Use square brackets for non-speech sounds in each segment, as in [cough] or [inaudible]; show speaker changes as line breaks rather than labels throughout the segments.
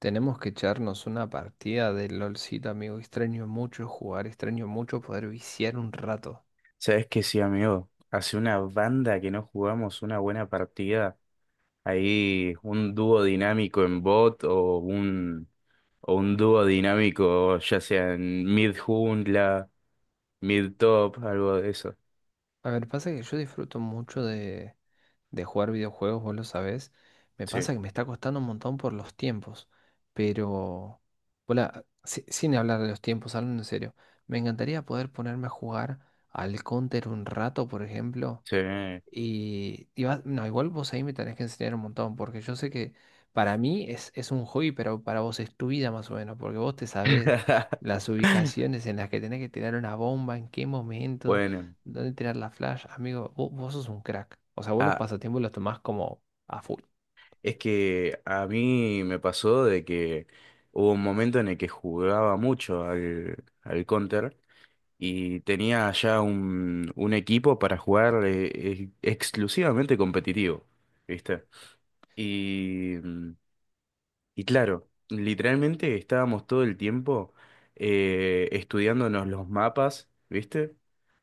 Tenemos que echarnos una partida de LOLcito, amigo. Extraño mucho jugar, extraño mucho poder viciar un rato.
Sabes que sí, amigo. Hace una banda que no jugamos una buena partida. Ahí un dúo dinámico en bot o un dúo dinámico ya sea en mid jungla, mid top, algo de eso.
A ver, pasa que yo disfruto mucho de jugar videojuegos, vos lo sabés. Me
Sí,
pasa que me está costando un montón por los tiempos. Pero, hola, sin hablar de los tiempos, hablando en serio, me encantaría poder ponerme a jugar al Counter un rato, por ejemplo.
sí.
No, igual vos ahí me tenés que enseñar un montón, porque yo sé que para mí es un hobby, pero para vos es tu vida más o menos, porque vos te sabés las
[laughs]
ubicaciones en las que tenés que tirar una bomba, en qué momento,
Bueno,
dónde tirar la flash. Amigo, vos sos un crack. O sea, vos los
ah,
pasatiempos los tomás como a full.
es que a mí me pasó de que hubo un momento en el que jugaba mucho al Counter y tenía ya un equipo para jugar exclusivamente competitivo, ¿viste? Y, mm, y claro, literalmente estábamos todo el tiempo estudiándonos los mapas, ¿viste?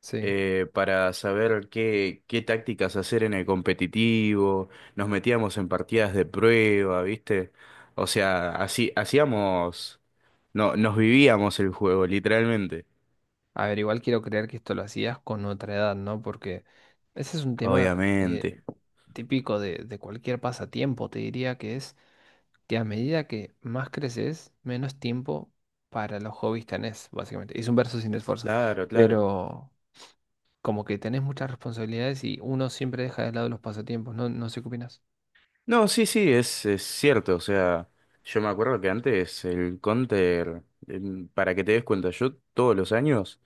Sí.
Para saber qué tácticas hacer en el competitivo, nos metíamos en partidas de prueba, ¿viste? O sea, así hacíamos, no, nos vivíamos el juego, literalmente.
A ver, igual quiero creer que esto lo hacías con otra edad, ¿no? Porque ese es un tema
Obviamente.
típico de cualquier pasatiempo, te diría que es que a medida que más creces, menos tiempo para los hobbies tenés, básicamente. Es un verso sin esfuerzo,
Claro, claro.
pero como que tenés muchas responsabilidades y uno siempre deja de lado los pasatiempos, no sé qué opinas.
No, sí, sí, es cierto. O sea, yo me acuerdo que antes el Counter, para que te des cuenta, yo todos los años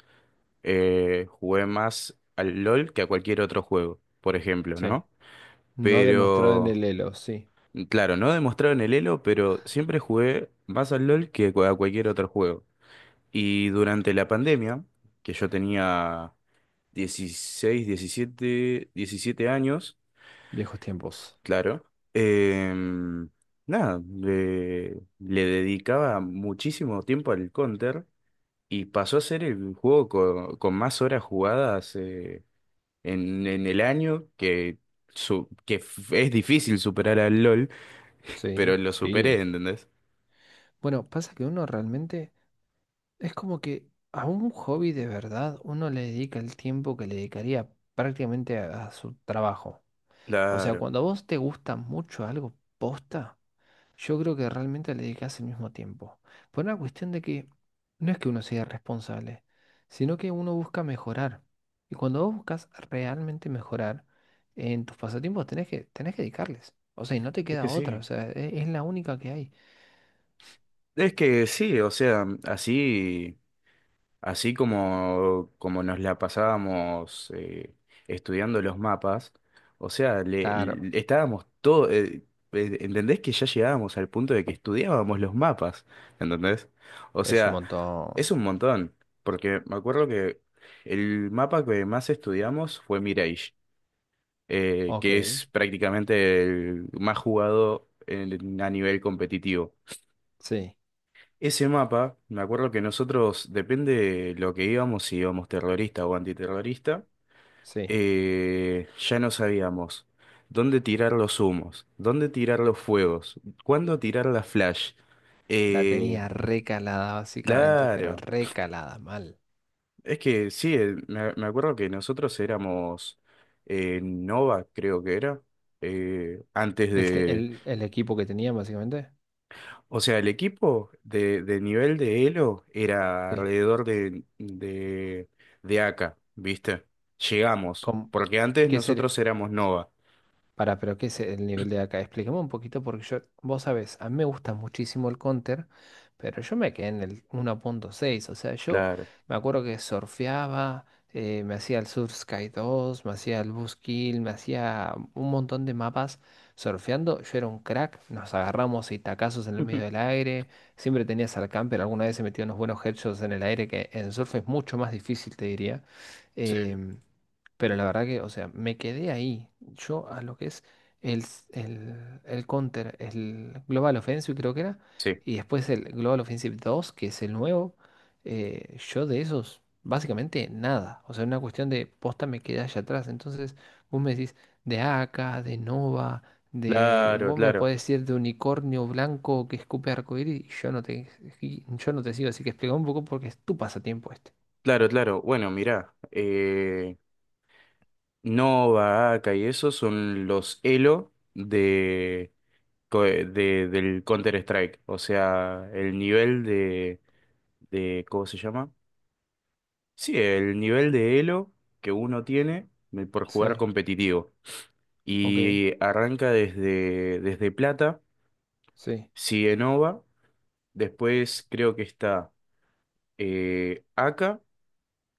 jugué más al LOL que a cualquier otro juego, por ejemplo,
Sí,
¿no?
no demostrado en el
Pero,
Elo, sí,
claro, no demostraron el elo, pero siempre jugué más al LOL que a cualquier otro juego. Y durante la pandemia, que yo tenía 16 17 años.
viejos tiempos.
Claro. Em, Nada, le dedicaba muchísimo tiempo al Counter y pasó a ser el juego con más horas jugadas en el año, que es difícil superar al LOL, pero
Sí,
lo superé,
sí.
¿entendés?
Bueno, pasa que uno realmente es como que a un hobby de verdad uno le dedica el tiempo que le dedicaría prácticamente a su trabajo. O sea,
Claro,
cuando a vos te gusta mucho algo posta, yo creo que realmente le dedicas el mismo tiempo. Por una cuestión de que no es que uno sea responsable sino que uno busca mejorar. Y cuando vos buscas realmente mejorar en tus pasatiempos, tenés que dedicarles. O sea, y no te
es
queda
que
otra. O
sí.
sea, la única que hay.
Es que sí, o sea, así. Así como, como nos la pasábamos estudiando los mapas, o sea,
Claro,
estábamos todo, ¿entendés que ya llegábamos al punto de que estudiábamos los mapas? ¿Entendés? O
es un
sea,
montón.
es un montón, porque me acuerdo que el mapa que más estudiamos fue Mirage,
Ok,
que es prácticamente el más jugado a nivel competitivo.
sí,
Ese mapa, me acuerdo que nosotros, depende de lo que íbamos, si íbamos terrorista o antiterrorista,
sí.
ya no sabíamos dónde tirar los humos, dónde tirar los fuegos, cuándo tirar la flash.
La
Eh,
tenía recalada básicamente, pero
claro,
recalada mal.
es que sí, me acuerdo que nosotros éramos Nova, creo que era, antes.
El equipo que tenía básicamente,
O sea, el equipo de nivel de Elo era
sí.
alrededor de AK, ¿viste? Llegamos,
¿Cómo?
porque antes
¿Qué sería?
nosotros éramos Nova.
Para, pero ¿qué es el nivel de acá? Explícame un poquito porque yo, vos sabés, a mí me gusta muchísimo el counter, pero yo me quedé en el 1.6, o sea, yo
Claro.
me acuerdo que surfeaba, me hacía el surf sky 2, me hacía el Boost Kill, me hacía un montón de mapas surfeando, yo era un crack, nos agarramos y tacazos en el medio
[laughs]
del aire, siempre tenías al camper, alguna vez se metió unos buenos headshots en el aire que en surf es mucho más difícil, te diría.
Sí,
em, pero la verdad que, o sea, me quedé ahí. Yo a lo que es el Counter, el Global Offensive creo que era,
sí.
y después el Global Offensive 2 que es el nuevo, yo de esos, básicamente nada. O sea, una cuestión de posta me quedé allá atrás. Entonces, vos me decís de AK, de Nova, de...
Claro,
Vos me
claro.
podés decir de unicornio blanco que escupe arcoíris y yo no te, y yo no te sigo. Así que explica un poco porque es tu pasatiempo este.
Claro, claro. Bueno, mirá, Nova, AK y eso son los Elo co- de- del Counter-Strike. O sea, el nivel de, ¿cómo se llama? Sí, el nivel de elo que uno tiene por jugar
Sí,
competitivo.
ok,
Y arranca desde plata,
sí.
sigue Nova, después creo que está Aka.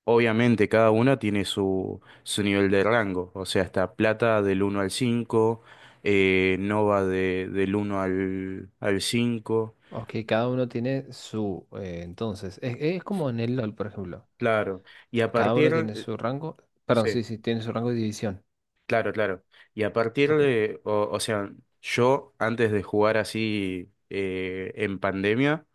Obviamente cada una tiene su nivel de rango, o sea, está plata del 1 al 5, Nova del uno al 5.
Ok, cada uno tiene su, entonces, es como en el LOL, por ejemplo.
Claro. Y a
Cada uno
partir...
tiene su rango, perdón,
sí.
sí, sí, tiene su rango de división.
Claro, claro. Y a partir
Ok,
de, o sea, yo antes de jugar así en pandemia,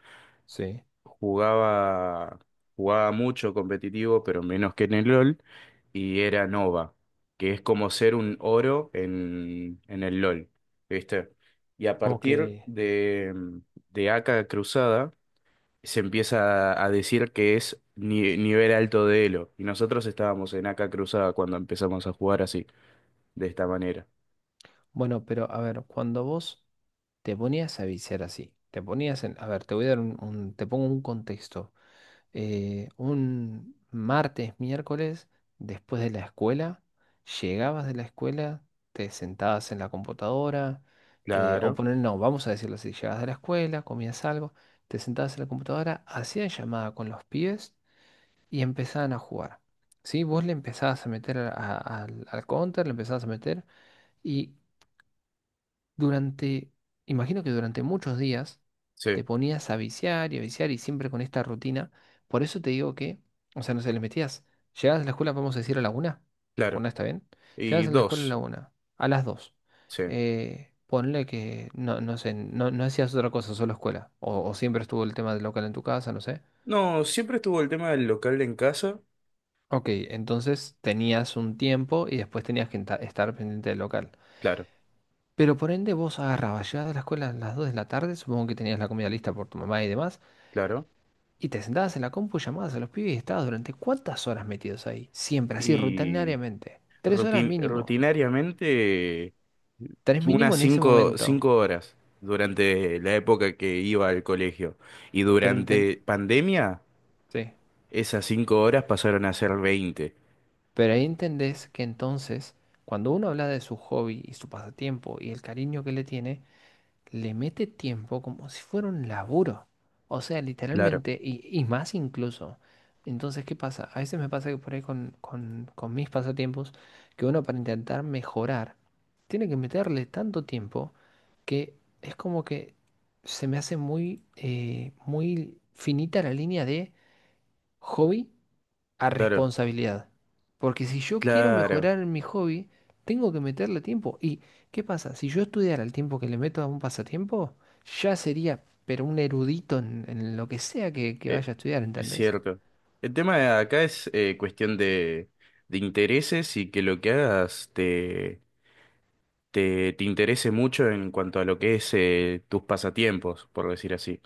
sí,
jugaba, jugaba mucho competitivo, pero menos que en el LOL, y era Nova, que es como ser un oro en el LOL, ¿viste? Y a
ok.
partir de AK Cruzada, se empieza a decir que es nivel alto de Elo, y nosotros estábamos en AK Cruzada cuando empezamos a jugar así, de esta manera.
Bueno, pero a ver, cuando vos te ponías a viciar así, te ponías en, a ver, te voy a dar te pongo un contexto. Eh, un martes, miércoles, después de la escuela, llegabas de la escuela, te sentabas en la computadora, o
Claro,
poner, no, vamos a decirlo así, llegabas de la escuela, comías algo, te sentabas en la computadora, hacían llamada con los pibes y empezaban a jugar. ¿Sí? Vos le empezabas a meter al counter, le empezabas a meter y durante, imagino que durante muchos días te
sí,
ponías a viciar y siempre con esta rutina. Por eso te digo que, o sea, no se les metías. Llegabas a la escuela, vamos a decir, a la una.
claro.
Una está bien.
Y
Llegabas a la escuela a la
dos,
una, a las dos.
sí.
Ponle que, no sé, no hacías otra cosa, solo escuela. O siempre estuvo el tema del local en tu casa, no sé.
No, siempre estuvo el tema del local en casa,
Ok, entonces tenías un tiempo y después tenías que estar pendiente del local.
claro,
Pero por ende vos agarrabas, llegabas de la escuela a las 2 de la tarde, supongo que tenías la comida lista por tu mamá y demás,
claro.
y te sentabas en la compu, llamabas a los pibes y estabas durante cuántas horas metidos ahí, siempre, así,
Y
rutinariamente. 3 horas mínimo,
rutinariamente
3 mínimo
unas
en ese momento.
cinco horas durante la época que iba al colegio. Y
Pero, enten-
durante pandemia,
sí.
esas 5 horas pasaron a ser 20.
Pero ahí entendés que entonces, cuando uno habla de su hobby y su pasatiempo y el cariño que le tiene, le mete tiempo como si fuera un laburo. O sea,
Claro,
literalmente, y más incluso. Entonces, ¿qué pasa? A veces me pasa que por ahí con mis pasatiempos, que uno para intentar mejorar, tiene que meterle tanto tiempo que es como que se me hace muy, muy finita la línea de hobby a
claro,
responsabilidad. Porque si yo quiero
claro.
mejorar en mi hobby, tengo que meterle tiempo. ¿Y qué pasa? Si yo estudiara el tiempo que le meto a un pasatiempo, ya sería, pero un erudito en lo que sea que
Eh,
vaya a estudiar,
es
¿entendés?
cierto. El tema de acá es cuestión de intereses y que lo que hagas te interese mucho en cuanto a lo que es tus pasatiempos, por decir así.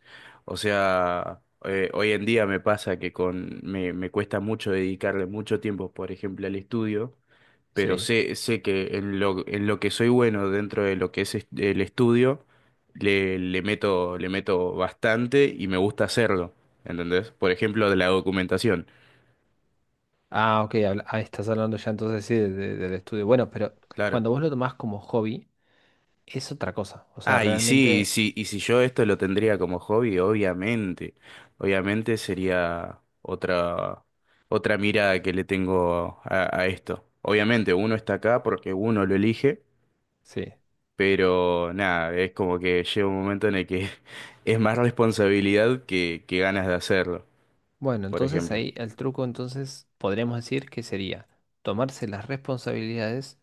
O sea, hoy en día me pasa que me cuesta mucho dedicarle mucho tiempo, por ejemplo, al estudio, pero
Sí.
sé que en lo que soy bueno dentro de lo que es el estudio, le meto bastante y me gusta hacerlo, ¿entendés? Por ejemplo, de la documentación,
Ah, estás hablando ya entonces sí del estudio. Bueno, pero
claro.
cuando vos lo tomás como hobby, es otra cosa. O sea,
Ah, y sí, y
realmente
sí, y si yo esto lo tendría como hobby, obviamente, obviamente sería otra mirada que le tengo a esto. Obviamente, uno está acá porque uno lo elige.
sí.
Pero nada, es como que llega un momento en el que [laughs] es más responsabilidad que ganas de hacerlo,
Bueno,
por
entonces
ejemplo.
ahí el truco, entonces podríamos decir que sería tomarse las responsabilidades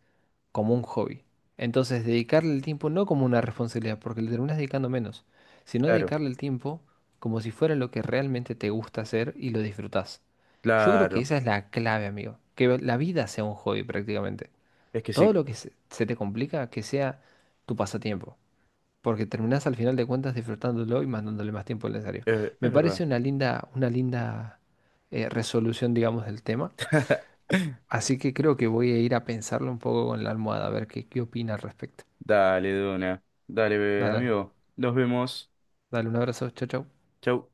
como un hobby. Entonces, dedicarle el tiempo no como una responsabilidad, porque le terminas dedicando menos, sino
Claro,
dedicarle el tiempo como si fuera lo que realmente te gusta hacer y lo disfrutás. Yo creo que
claro,
esa es la clave, amigo. Que la vida sea un hobby prácticamente.
es que
Todo
sí,
lo que se te complica, que sea tu pasatiempo. Porque terminás al final de cuentas disfrutándolo y mandándole más tiempo al necesario. Me
es
parece
verdad.
una linda resolución, digamos, del tema.
[laughs]
Así que creo que voy a ir a pensarlo un poco con la almohada, a ver qué opina al respecto.
Dale, Dona, dale,
Dale,
amigo, nos vemos.
dale un abrazo, chau, chau.
Chau.